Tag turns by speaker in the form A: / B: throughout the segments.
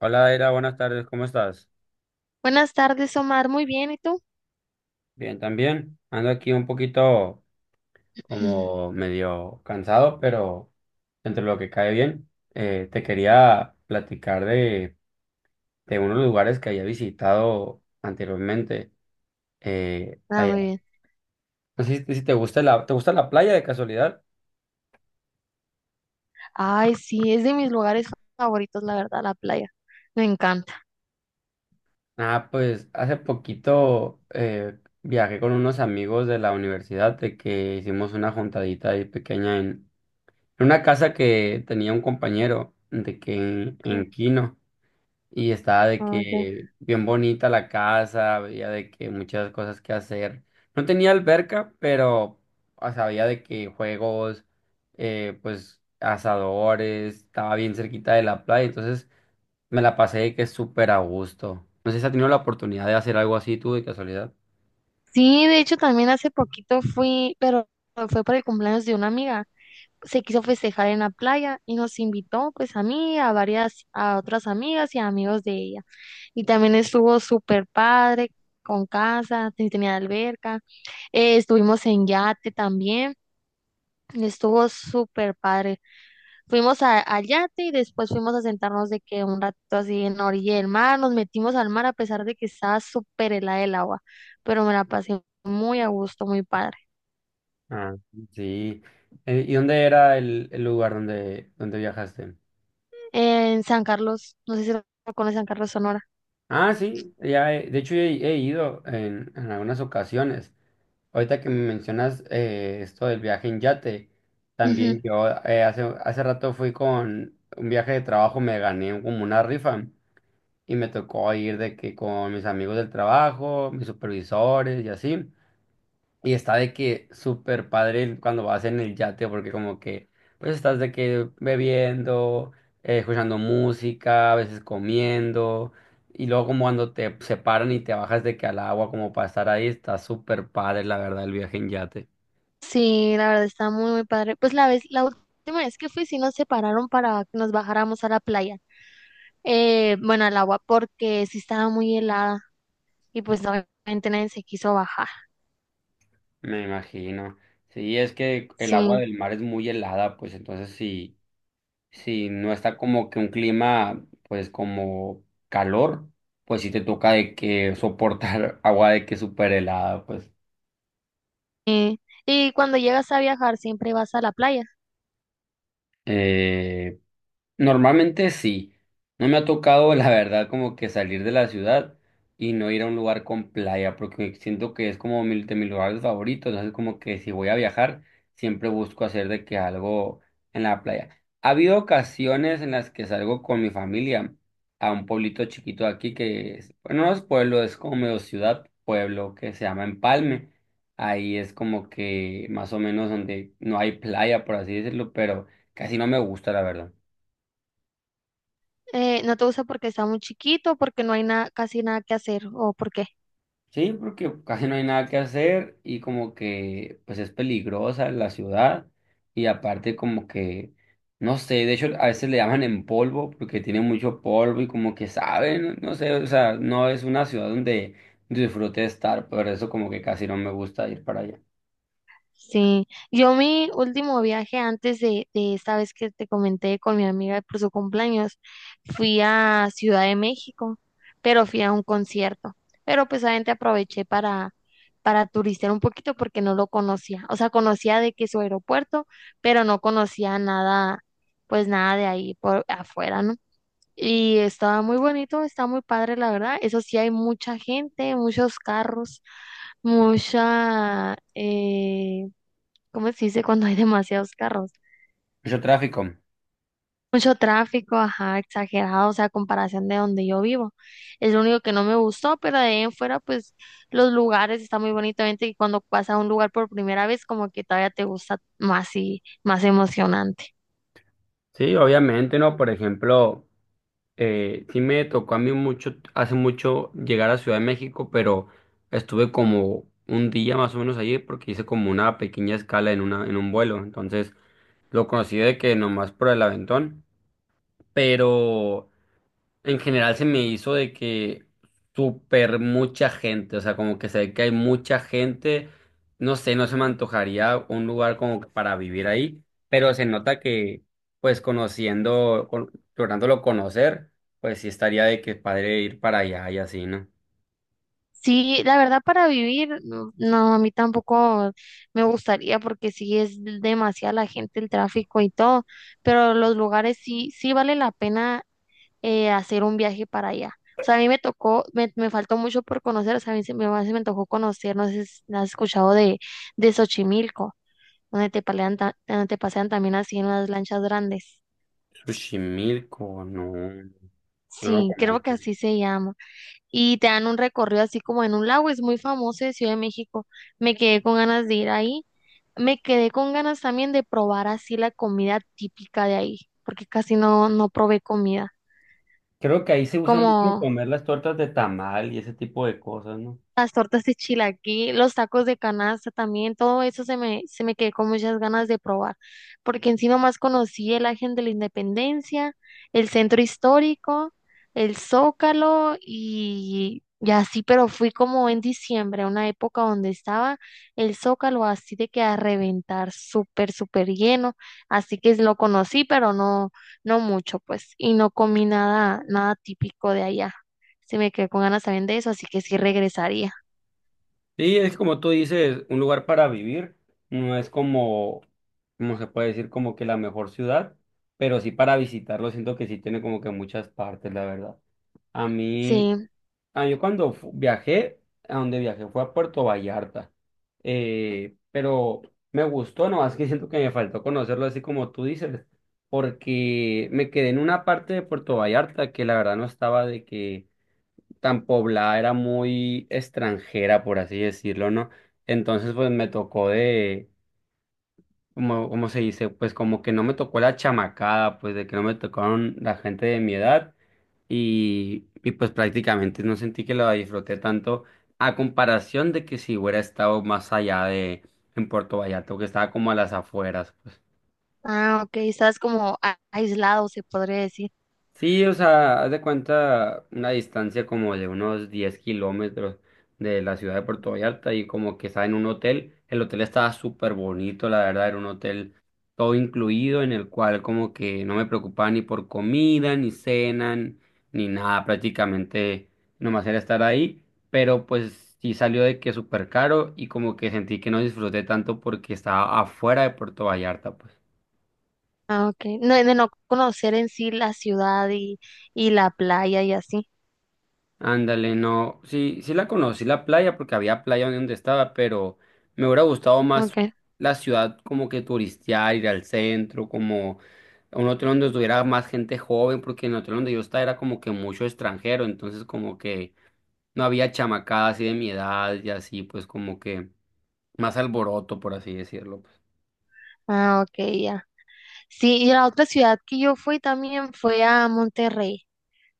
A: Hola, Era, buenas tardes, ¿cómo estás?
B: Buenas tardes, Omar. Muy bien, ¿y tú?
A: Bien, también. Ando aquí un poquito
B: Ujú.
A: como medio cansado, pero entre lo que cae bien, te quería platicar de unos lugares que había visitado anteriormente,
B: Ah,
A: allá.
B: muy bien.
A: No sé si te gusta ¿te gusta la playa de casualidad?
B: Ay, sí, es de mis lugares favoritos, la verdad, la playa. Me encanta.
A: Ah, pues hace poquito viajé con unos amigos de la universidad de que hicimos una juntadita ahí pequeña. En una casa que tenía un compañero de que
B: Ok,
A: en Quino, y estaba de
B: ah, ok.
A: que bien bonita la casa, había de que muchas cosas que hacer. No tenía alberca, pero o sea, había de que juegos, pues asadores, estaba bien cerquita de la playa, entonces me la pasé de que súper a gusto. No sé si has tenido la oportunidad de hacer algo así tú de casualidad.
B: Sí, de hecho, también hace poquito fui, pero fue para el cumpleaños de una amiga. Se quiso festejar en la playa y nos invitó, pues, a mí, a varias, a otras amigas y amigos de ella. Y también estuvo súper padre, con casa, tenía alberca. Estuvimos en yate también. Estuvo súper padre. Fuimos al yate y después fuimos a sentarnos de que un ratito así en la orilla del mar, nos metimos al mar a pesar de que estaba súper helada el agua, pero me la pasé muy a gusto, muy padre.
A: Ah, sí. ¿Y dónde era el lugar donde viajaste?
B: En San Carlos, no sé si lo conoces, San Carlos, Sonora.
A: Ah, sí, ya he- de hecho he ido en algunas ocasiones. Ahorita que me mencionas esto del viaje en yate,
B: Ujú.
A: también yo hace rato fui con un viaje de trabajo, me gané como una rifa y me tocó ir de que con mis amigos del trabajo, mis supervisores y así. Y está de que súper padre el- cuando vas en el yate, porque como que, pues estás de que bebiendo, escuchando música, a veces comiendo, y luego como cuando te separan y te bajas de que al agua como para estar ahí, está súper padre, la verdad, el viaje en yate.
B: Sí, la verdad está muy, muy padre. Pues la vez, la última vez que fui, sí nos separaron para que nos bajáramos a la playa, bueno, al agua, porque sí estaba muy helada y pues obviamente nadie se quiso bajar.
A: Me imagino. Sí, es que el agua
B: Sí.
A: del mar es muy helada, pues entonces si no está como que un clima, pues como calor, pues sí te toca de que soportar agua de que súper helada, pues.
B: eh, Y cuando llegas a viajar, siempre vas a la playa.
A: eh, Normalmente sí. No me ha tocado, la verdad, como que salir de la ciudad y no ir a un lugar con playa, porque siento que es como mi, de mis lugares favoritos. Entonces, como que si voy a viajar, siempre busco hacer de que algo en la playa. Ha habido ocasiones en las que salgo con mi familia a un pueblito chiquito de aquí que, es- bueno, no es pueblo, es como medio ciudad, pueblo que se llama Empalme. Ahí es como que más o menos donde no hay playa, por así decirlo, pero casi no me gusta, la verdad.
B: ¿No te gusta porque está muy chiquito, porque no hay nada, casi nada que hacer o ¿por qué?
A: Sí, porque casi no hay nada que hacer y como que pues es peligrosa la ciudad y aparte como que no sé, de hecho a veces le llaman en polvo porque tiene mucho polvo y como que saben, no sé, o sea, no es una ciudad donde disfrute estar, por eso como que casi no me gusta ir para allá.
B: Sí, yo mi último viaje antes de esta vez que te comenté con mi amiga por su cumpleaños, fui a Ciudad de México, pero fui a un concierto, pero pues obviamente aproveché para turistear un poquito porque no lo conocía, o sea, conocía de que su aeropuerto, pero no conocía nada, pues nada de ahí por afuera, ¿no? Y estaba muy bonito, está muy padre, la verdad. Eso sí, hay mucha gente, muchos carros, mucha, ¿cómo se dice cuando hay demasiados carros?
A: Mucho tráfico.
B: Mucho tráfico, ajá, exagerado, o sea, a comparación de donde yo vivo. Es lo único que no me gustó, pero de ahí en fuera, pues los lugares están muy bonitamente y cuando vas a un lugar por primera vez, como que todavía te gusta más y más emocionante.
A: Sí, obviamente, ¿no? Por ejemplo... sí me tocó a mí mucho, hace mucho llegar a Ciudad de México, pero estuve como un día más o menos allí porque hice como una pequeña escala en una, en un vuelo. Entonces lo conocí de que nomás por el aventón, pero en general se me hizo de que súper mucha gente, o sea, como que se ve que hay mucha gente, no sé, no se me antojaría un lugar como que para vivir ahí, pero se nota que, pues conociendo, con- lográndolo conocer, pues sí estaría de que padre ir para allá y así, ¿no?
B: Sí, la verdad para vivir, no, no, a mí tampoco me gustaría porque sí es demasiada la gente, el tráfico y todo, pero los lugares sí, sí vale la pena hacer un viaje para allá. O sea, a mí me tocó, me faltó mucho por conocer, o sea, a mí se me tocó conocer, no sé si has escuchado de Xochimilco, donde te donde te pasean también así en las lanchas grandes.
A: Xochimilco, no, no lo
B: Sí, creo que
A: conozco.
B: así se llama. Y te dan un recorrido así como en un lago, es muy famoso de Ciudad de México. Me quedé con ganas de ir ahí. Me quedé con ganas también de probar así la comida típica de ahí, porque casi no probé comida,
A: Creo que ahí se usa mucho
B: como
A: comer las tortas de tamal y ese tipo de cosas, ¿no?
B: las tortas de chilaquil, los tacos de canasta también, todo eso se me quedó con muchas ganas de probar, porque encima más conocí el Ángel de la Independencia, el Centro Histórico, el Zócalo y así, pero fui como en diciembre, una época donde estaba el Zócalo así de que a reventar, súper, súper lleno, así que lo conocí, pero no, no mucho, pues, y no comí nada, nada típico de allá. Se me quedó con ganas también de eso, así que sí regresaría.
A: Sí, es como tú dices, un lugar para vivir, no es como, como se puede decir, como que la mejor ciudad, pero sí para visitarlo, siento que sí tiene como que muchas partes, la verdad. A mí,
B: Sí.
A: a yo cuando fu- viajé, a donde viajé fue a Puerto Vallarta, pero me gustó, nomás que siento que me faltó conocerlo así como tú dices, porque me quedé en una parte de Puerto Vallarta que la verdad no estaba de que tan poblada, era muy extranjera, por así decirlo, ¿no? Entonces, pues me tocó de, como, como se dice, pues como que no me tocó la chamacada, pues de que no me tocaron la gente de mi edad y pues prácticamente no sentí que la disfruté tanto a comparación de que si hubiera estado más allá de, en Puerto Vallarta, que estaba como a las afueras, pues.
B: Ah, ok. Estás como aislado, se podría decir.
A: Sí, o sea, haz de cuenta una distancia como de unos 10 kilómetros de la ciudad de Puerto Vallarta y como que estaba en un hotel. El hotel estaba súper bonito, la verdad, era un hotel todo incluido en el cual como que no me preocupaba ni por comida, ni cena, n- ni nada, prácticamente nomás era estar ahí, pero pues sí salió de que súper caro y como que sentí que no disfruté tanto porque estaba afuera de Puerto Vallarta, pues.
B: Ah, ok. No, de no conocer en sí la ciudad y la playa y así.
A: Ándale, no, sí, la conocí la playa porque había playa donde estaba, pero me hubiera gustado más
B: Ok.
A: la ciudad como que turistear, ir al centro, como a un hotel donde estuviera más gente joven, porque en el hotel donde yo estaba era como que mucho extranjero, entonces como que no había chamacadas así de mi edad y así, pues como que más alboroto, por así decirlo, pues.
B: Ah, ok, ya. Sí, y la otra ciudad que yo fui también fue a Monterrey.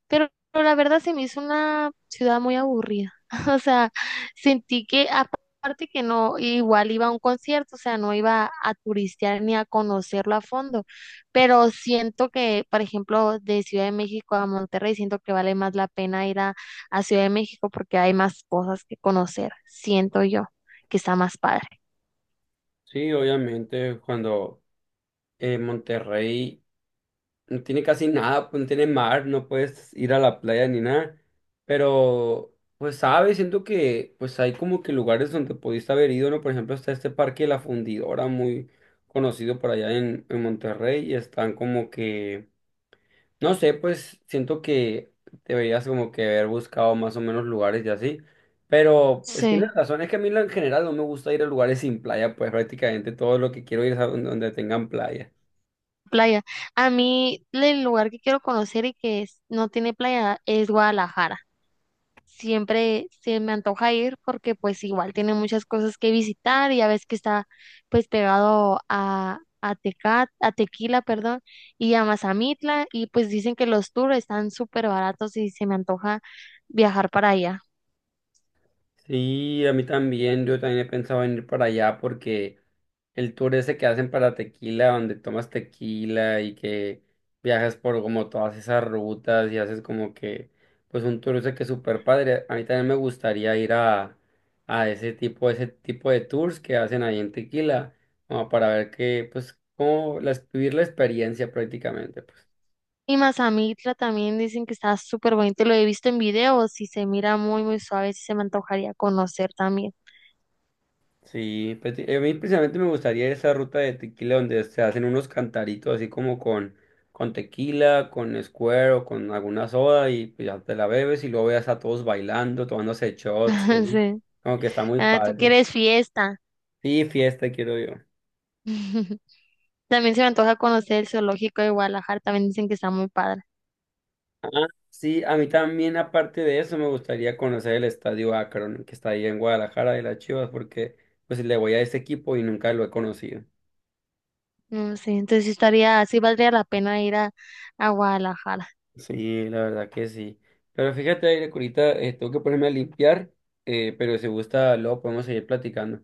B: Pero la verdad se me hizo una ciudad muy aburrida. O sea, sentí que aparte que no, igual iba a un concierto, o sea, no iba a turistear ni a conocerlo a fondo. Pero siento que, por ejemplo, de Ciudad de México a Monterrey, siento que vale más la pena ir a Ciudad de México porque hay más cosas que conocer. Siento yo que está más padre.
A: Sí, obviamente, cuando Monterrey no tiene casi nada, pues no tiene mar, no puedes ir a la playa ni nada. Pero, pues sabes, siento que pues hay como que lugares donde pudiste haber ido, ¿no? Por ejemplo, está este parque La Fundidora, muy conocido por allá en Monterrey, y están como que, no sé, pues siento que deberías como que haber buscado más o menos lugares y así. Pero, pues
B: Sí.
A: tienes razón, es que a mí en general no me gusta ir a lugares sin playa, pues prácticamente todo lo que quiero ir es a donde tengan playa.
B: Playa. A mí, el lugar que quiero conocer y que no tiene playa es Guadalajara. Siempre se me antoja ir porque pues igual tiene muchas cosas que visitar y ya ves que está pues pegado a Tecat, a Tequila, perdón, y a Mazamitla y pues dicen que los tours están súper baratos y se me antoja viajar para allá.
A: Sí, a mí también, yo también he pensado en ir para allá porque el tour ese que hacen para tequila, donde tomas tequila y que viajas por como todas esas rutas y haces como que, pues un tour ese que es súper padre. A mí también me gustaría ir a ese tipo de tours que hacen ahí en tequila, como para ver que, pues, como la- vivir la experiencia prácticamente, pues.
B: Y Mazamitla también dicen que está súper bonito, lo he visto en videos y se mira muy muy suave, sí se me antojaría conocer también.
A: Sí, pues, sí, a mí precisamente me gustaría esa ruta de tequila donde se hacen unos cantaritos así como con tequila, con Square o con alguna soda y pues, ya te la bebes y luego veas a todos bailando, tomándose shots, ¿sí?
B: Sí.
A: Como que está muy
B: Ah, tú
A: padre.
B: quieres fiesta.
A: Sí, fiesta quiero yo.
B: También se me antoja conocer el zoológico de Guadalajara, también dicen que está muy padre.
A: Ah, sí, a mí también aparte de eso me gustaría conocer el Estadio Akron que está ahí en Guadalajara de las Chivas porque pues le voy a ese equipo y nunca lo he conocido.
B: No sé, entonces sí estaría, sí valdría la pena ir a Guadalajara.
A: Sí, la verdad que sí. Pero fíjate, Aire, que ahorita tengo que ponerme a limpiar, pero si gusta, luego podemos seguir platicando.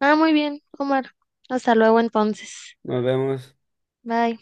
B: Ah, muy bien, Omar. Hasta luego entonces.
A: Nos vemos.
B: Bye.